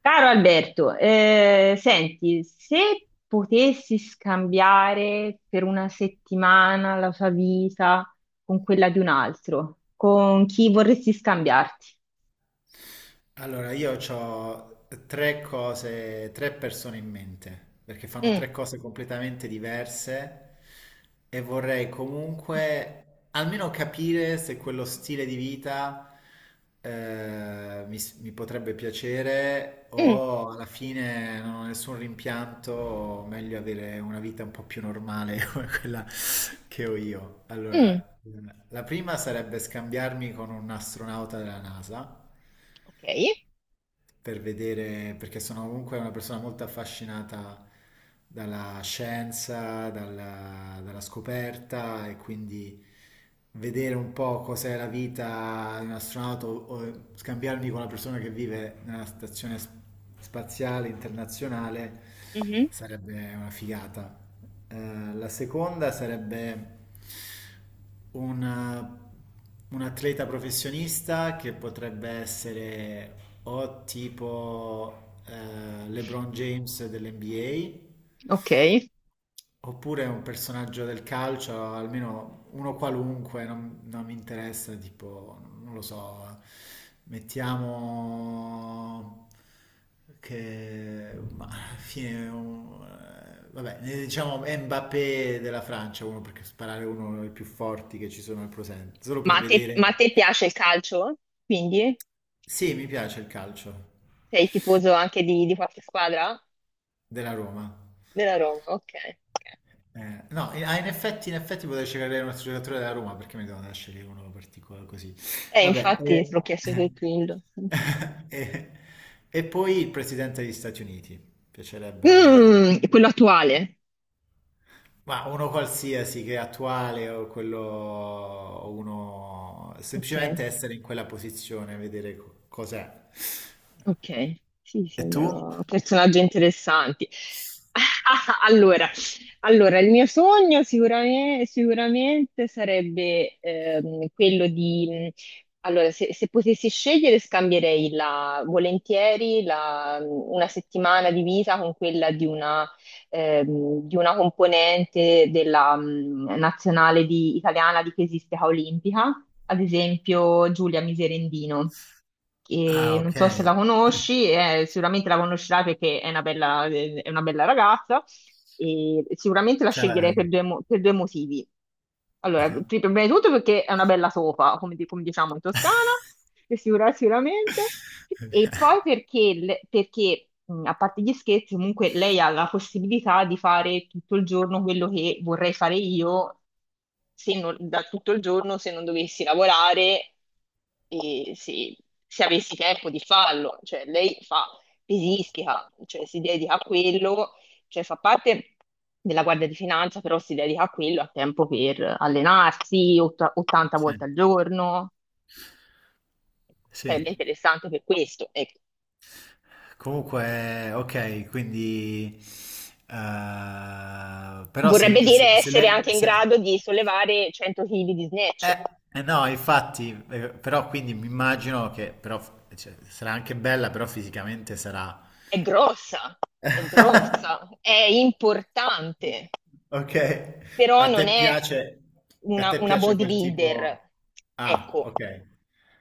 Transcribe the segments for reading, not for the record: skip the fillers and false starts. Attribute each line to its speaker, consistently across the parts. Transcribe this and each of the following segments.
Speaker 1: Caro Alberto, senti, se potessi scambiare per una settimana la tua vita con quella di un altro, con chi vorresti scambiarti?
Speaker 2: Allora, io ho tre cose, tre persone in mente, perché fanno
Speaker 1: Mm,
Speaker 2: tre cose completamente diverse e vorrei comunque almeno capire se quello stile di vita mi potrebbe piacere
Speaker 1: mm,
Speaker 2: o alla fine non ho nessun rimpianto, o meglio avere una vita un po' più normale come quella che ho io.
Speaker 1: mm.
Speaker 2: Allora, la prima sarebbe scambiarmi con un astronauta della NASA
Speaker 1: Ok.
Speaker 2: per vedere, perché sono comunque una persona molto affascinata dalla scienza, dalla scoperta e quindi vedere un po' cos'è la vita di un astronauta o scambiarmi con una persona che vive nella stazione spaziale internazionale
Speaker 1: Mhm.
Speaker 2: sarebbe una figata. La seconda sarebbe un, un atleta professionista che potrebbe essere o tipo LeBron James dell'NBA.
Speaker 1: Ok.
Speaker 2: Oppure un personaggio del calcio, almeno uno qualunque, non mi interessa, tipo, non lo so, mettiamo che, ma alla fine, vabbè, ne diciamo Mbappé della Francia, uno perché sparare è uno dei più forti che ci sono al presente, solo per vedere.
Speaker 1: Ma a te piace il calcio? Quindi
Speaker 2: Sì, mi piace il calcio
Speaker 1: sei tifoso anche di qualche squadra?
Speaker 2: della Roma.
Speaker 1: Della Roma, ok.
Speaker 2: No,
Speaker 1: Ok.
Speaker 2: ah, In effetti, in effetti potrei cercare un altro giocatore della Roma perché mi devo andare a scegliere uno particolare così. Vabbè,
Speaker 1: Infatti, te l'ho chiesto per quello. Infatti.
Speaker 2: eh, e poi il presidente degli Stati Uniti. Piacerebbe,
Speaker 1: Mm, quello attuale.
Speaker 2: ma uno qualsiasi che è attuale o quello, o uno
Speaker 1: Ok.
Speaker 2: semplicemente essere in quella posizione, vedere cos'è.
Speaker 1: Ok, sì,
Speaker 2: E tu?
Speaker 1: sembrano personaggi interessanti. Allora, allora, il mio sogno sicuramente, sicuramente sarebbe quello di... Allora, se potessi scegliere, volentieri una settimana di vita con quella di una componente della nazionale italiana di pesistica olimpica, ad esempio Giulia Miserendino,
Speaker 2: Ah,
Speaker 1: che non
Speaker 2: ok.
Speaker 1: so se la conosci, sicuramente la conoscerai perché è una bella ragazza, e sicuramente la
Speaker 2: Cioè,
Speaker 1: sceglierei per per due motivi. Allora,
Speaker 2: ah.
Speaker 1: prima di tutto perché è una bella sopa, come diciamo in Toscana, e sicuramente. E poi perché, a parte gli scherzi, comunque lei ha la possibilità di fare tutto il giorno quello che vorrei fare io, se non- da tutto il giorno se non dovessi lavorare e se, se avessi tempo di farlo. Cioè, lei fa pesistica, cioè si dedica a quello, cioè fa parte della Guardia di Finanza, però si dedica a quello, ha tempo per allenarsi 80
Speaker 2: Sì.
Speaker 1: volte al giorno,
Speaker 2: Sì.
Speaker 1: sarebbe interessante per questo. Ecco.
Speaker 2: Comunque, ok, quindi... però
Speaker 1: Vorrebbe
Speaker 2: se, se,
Speaker 1: dire
Speaker 2: se
Speaker 1: essere
Speaker 2: lei...
Speaker 1: anche in grado di sollevare 100 kg di snatch.
Speaker 2: no, infatti, però quindi mi immagino che però, cioè, sarà anche bella, però fisicamente sarà...
Speaker 1: È grossa, è grossa, è importante,
Speaker 2: Ok,
Speaker 1: però
Speaker 2: a
Speaker 1: non
Speaker 2: te
Speaker 1: è
Speaker 2: piace, a te
Speaker 1: una
Speaker 2: piace quel tipo...
Speaker 1: bodybuilder.
Speaker 2: Ah,
Speaker 1: Ecco,
Speaker 2: ok.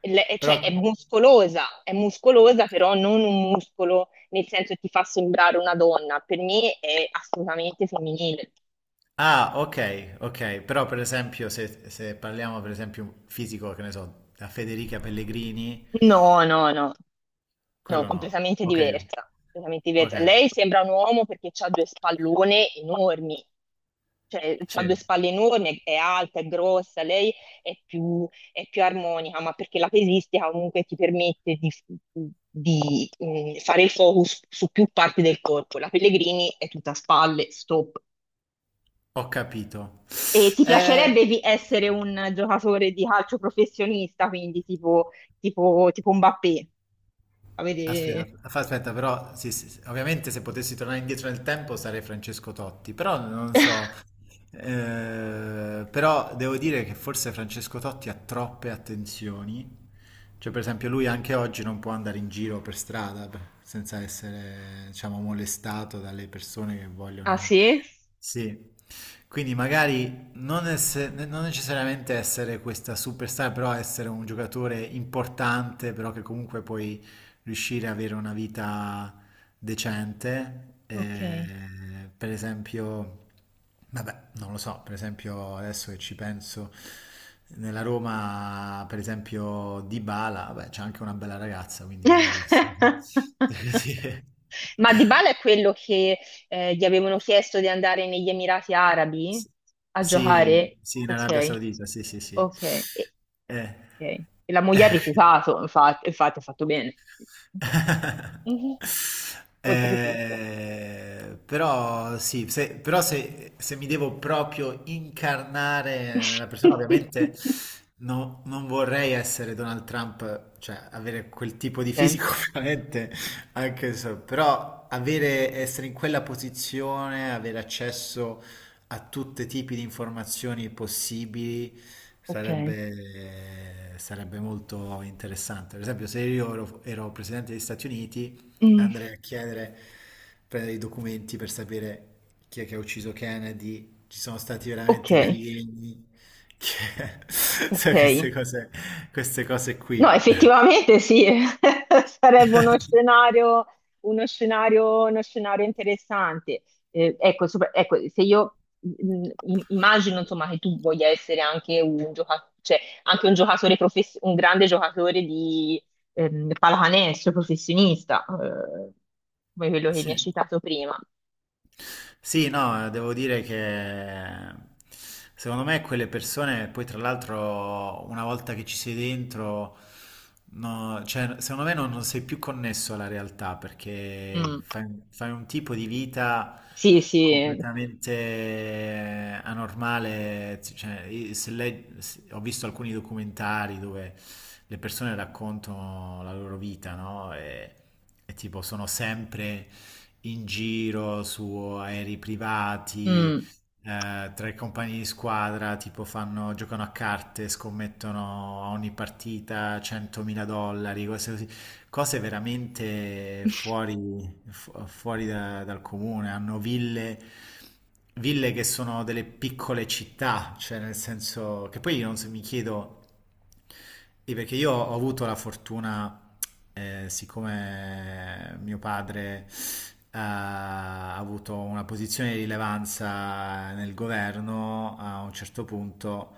Speaker 2: Però
Speaker 1: cioè è muscolosa, però non un muscolo nel senso che ti fa sembrare una donna. Per me è assolutamente femminile.
Speaker 2: ah, ok, ok, però per esempio se parliamo per esempio un fisico, che ne so, da Federica Pellegrini,
Speaker 1: No, no, no. No,
Speaker 2: quello no.
Speaker 1: completamente
Speaker 2: Ok,
Speaker 1: diversa, completamente
Speaker 2: ok,
Speaker 1: diversa. Lei sembra un uomo perché ha due spallone enormi, cioè ha
Speaker 2: sì,
Speaker 1: due spalle enormi, è alta, è grossa, è più, è più armonica, ma perché la pesistica comunque ti permette di, fare il focus su più parti del corpo. La Pellegrini è tutta spalle, stop.
Speaker 2: ho capito.
Speaker 1: E ti
Speaker 2: Eh,
Speaker 1: piacerebbe essere un giocatore di calcio professionista, quindi tipo Mbappé?
Speaker 2: Aspetta,
Speaker 1: Avere...
Speaker 2: aspetta, però sì, sì, sì, ovviamente se potessi tornare indietro nel tempo sarei Francesco Totti, però non so, però devo dire che forse Francesco Totti ha troppe attenzioni, cioè per esempio lui anche oggi non può andare in giro per strada senza essere, diciamo, molestato dalle persone che
Speaker 1: Ah
Speaker 2: vogliono
Speaker 1: sì?
Speaker 2: sì, quindi magari non, non necessariamente essere questa superstar, però essere un giocatore importante, però che comunque puoi riuscire ad avere una vita decente.
Speaker 1: Ok.
Speaker 2: Per esempio, vabbè, non lo so, per esempio adesso che ci penso, nella Roma, per esempio, Dybala, vabbè, c'è anche una bella ragazza, quindi magari... Così.
Speaker 1: Ma Dybala è quello che gli avevano chiesto di andare negli Emirati Arabi
Speaker 2: Sì,
Speaker 1: a
Speaker 2: sì,
Speaker 1: giocare?
Speaker 2: sì, in Arabia
Speaker 1: Ok,
Speaker 2: Saudita, sì, sì, sì.
Speaker 1: ok. E,
Speaker 2: Eh.
Speaker 1: ok. E la moglie ha rifiutato, infatti, infatti ha fatto bene. Mhm. Oltretutto.
Speaker 2: Però se, se mi devo proprio incarnare nella persona, ovviamente non vorrei essere Donald Trump, cioè avere quel tipo di
Speaker 1: Ok,
Speaker 2: fisico, ovviamente, anche so, però avere, essere in quella posizione, avere accesso a tutti i tipi di informazioni possibili
Speaker 1: ok.
Speaker 2: sarebbe, sarebbe molto interessante. Per esempio, se io ero, ero presidente degli Stati Uniti,
Speaker 1: Mm,
Speaker 2: andrei a chiedere, prendere i documenti per sapere chi è che ha ucciso Kennedy, ci sono stati
Speaker 1: ok,
Speaker 2: veramente gli alieni, che- sai,
Speaker 1: ok.
Speaker 2: queste cose
Speaker 1: No,
Speaker 2: qui.
Speaker 1: effettivamente sì, sarebbe uno scenario, uno scenario interessante. Ecco, ecco, se io immagino insomma che tu voglia essere anche un giocatore, cioè anche un grande giocatore di pallacanestro professionista, come quello che mi hai
Speaker 2: Sì.
Speaker 1: citato prima.
Speaker 2: Sì, no, devo dire che secondo me quelle persone, poi tra l'altro una volta che ci sei dentro, no, cioè, secondo me non, non sei più connesso alla realtà perché
Speaker 1: Mm,
Speaker 2: fai un tipo di vita
Speaker 1: sì, sì.
Speaker 2: completamente anormale. Cioè, io- se lei- se- ho visto alcuni documentari dove le persone raccontano la loro vita, no? E e tipo sono sempre in giro su aerei privati,
Speaker 1: Mm,
Speaker 2: tra i compagni di squadra, tipo fanno, giocano a carte, scommettono a ogni partita 100.000 dollari, cose così, cose veramente fuori, dal comune. Hanno ville, ville che sono delle piccole città, cioè nel senso che poi io non so- mi chiedo sì, perché io ho avuto la fortuna, siccome mio padre ha avuto una posizione di rilevanza nel governo, a un certo punto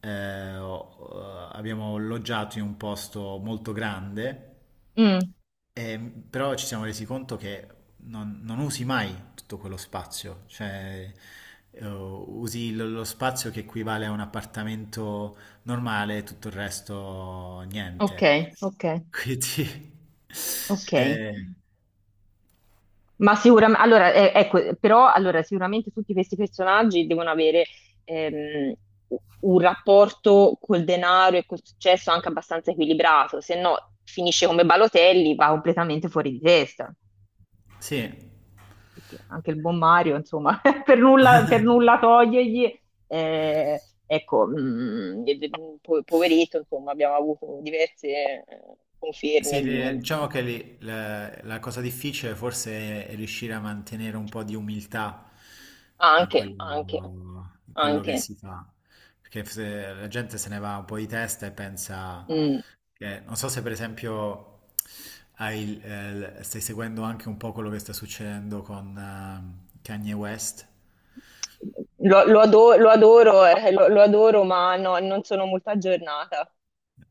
Speaker 2: abbiamo loggiato in un posto molto grande.
Speaker 1: mm,
Speaker 2: Però ci siamo resi conto che non, non usi mai tutto quello spazio, cioè usi lo spazio che equivale a un appartamento normale, tutto il resto
Speaker 1: ok,
Speaker 2: niente.
Speaker 1: ok,
Speaker 2: Quindi,
Speaker 1: ok.
Speaker 2: eh,
Speaker 1: Ma sicuramente, allora, ecco, però allora, sicuramente tutti questi personaggi devono avere ehm, un rapporto col denaro e col successo anche abbastanza equilibrato, se no finisce come Balotelli, va completamente fuori di testa,
Speaker 2: sì.
Speaker 1: perché anche il buon Mario, insomma, per nulla togliergli, ecco, poveretto, insomma, abbiamo avuto diverse
Speaker 2: Sì,
Speaker 1: conferme
Speaker 2: le-
Speaker 1: di...
Speaker 2: diciamo che lì la cosa difficile forse è riuscire a mantenere un po' di umiltà in
Speaker 1: Anche, anche,
Speaker 2: quello, in quello che
Speaker 1: anche.
Speaker 2: si fa, perché se la gente se ne va un po' di testa e pensa
Speaker 1: Mm.
Speaker 2: che, non so se per esempio hai stai seguendo anche un po' quello che sta succedendo con Kanye West.
Speaker 1: Lo adoro, lo adoro, ma no, non sono molto aggiornata.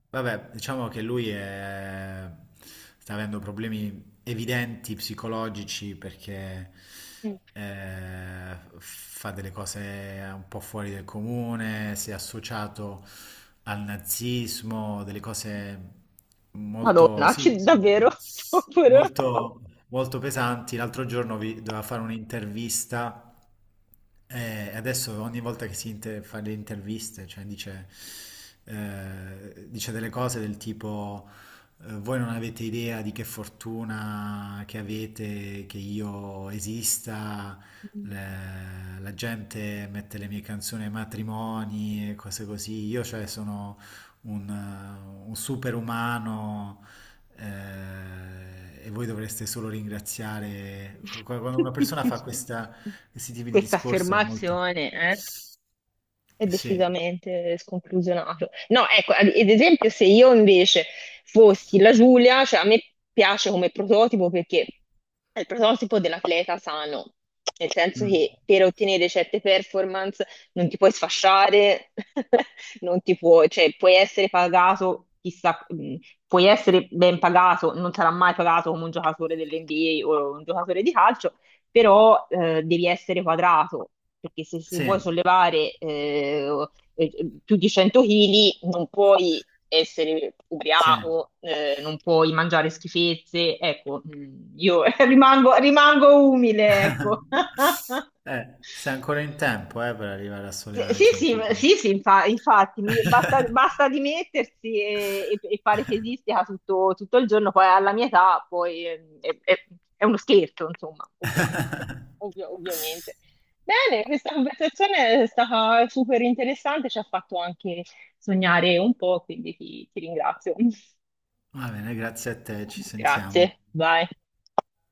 Speaker 2: Vabbè, diciamo che sta avendo problemi evidenti psicologici perché
Speaker 1: Mm.
Speaker 2: fa delle cose un po' fuori del comune, si è associato al nazismo, delle cose molto,
Speaker 1: Madonna,
Speaker 2: sì,
Speaker 1: davvero? Povero.
Speaker 2: molto, molto pesanti. L'altro giorno doveva fare un'intervista adesso ogni volta che si fa le interviste, cioè dice, dice delle cose del tipo, voi non avete idea di che fortuna che avete, che io esista, la gente mette le mie canzoni ai matrimoni e cose così, io cioè sono un superumano e voi dovreste solo ringraziare. Quando una persona fa questi tipi di
Speaker 1: Questa
Speaker 2: discorso è molto...
Speaker 1: affermazione, eh?
Speaker 2: Sì,
Speaker 1: È decisamente sconclusionato. No, ecco, ad esempio, se io invece fossi la Giulia, cioè a me piace come prototipo perché è il prototipo dell'atleta sano, nel senso
Speaker 2: mm.
Speaker 1: che per ottenere certe performance non ti puoi sfasciare, non ti puoi, cioè puoi essere pagato, chissà, puoi essere ben pagato, non sarà mai pagato come un giocatore dell'NBA o un giocatore di calcio, però devi essere quadrato, perché se vuoi
Speaker 2: Sì,
Speaker 1: sollevare più di 100 kg non puoi essere
Speaker 2: sì.
Speaker 1: ubriaco, non puoi mangiare schifezze, ecco, mm, io rimango, rimango umile, ecco.
Speaker 2: Sei ancora in tempo, per arrivare a
Speaker 1: Sì,
Speaker 2: sollevare
Speaker 1: sì,
Speaker 2: 100
Speaker 1: sì,
Speaker 2: kg.
Speaker 1: sì, sì, infatti, basta, basta dimettersi e fare tesistica tutto, tutto il giorno, poi alla mia età poi è uno scherzo, insomma, ovviamente. Ovviamente. Bene, questa conversazione è stata super interessante, ci ha fatto anche sognare un po', quindi ti ringrazio.
Speaker 2: Va bene, grazie a te, ci sentiamo.
Speaker 1: Grazie, bye.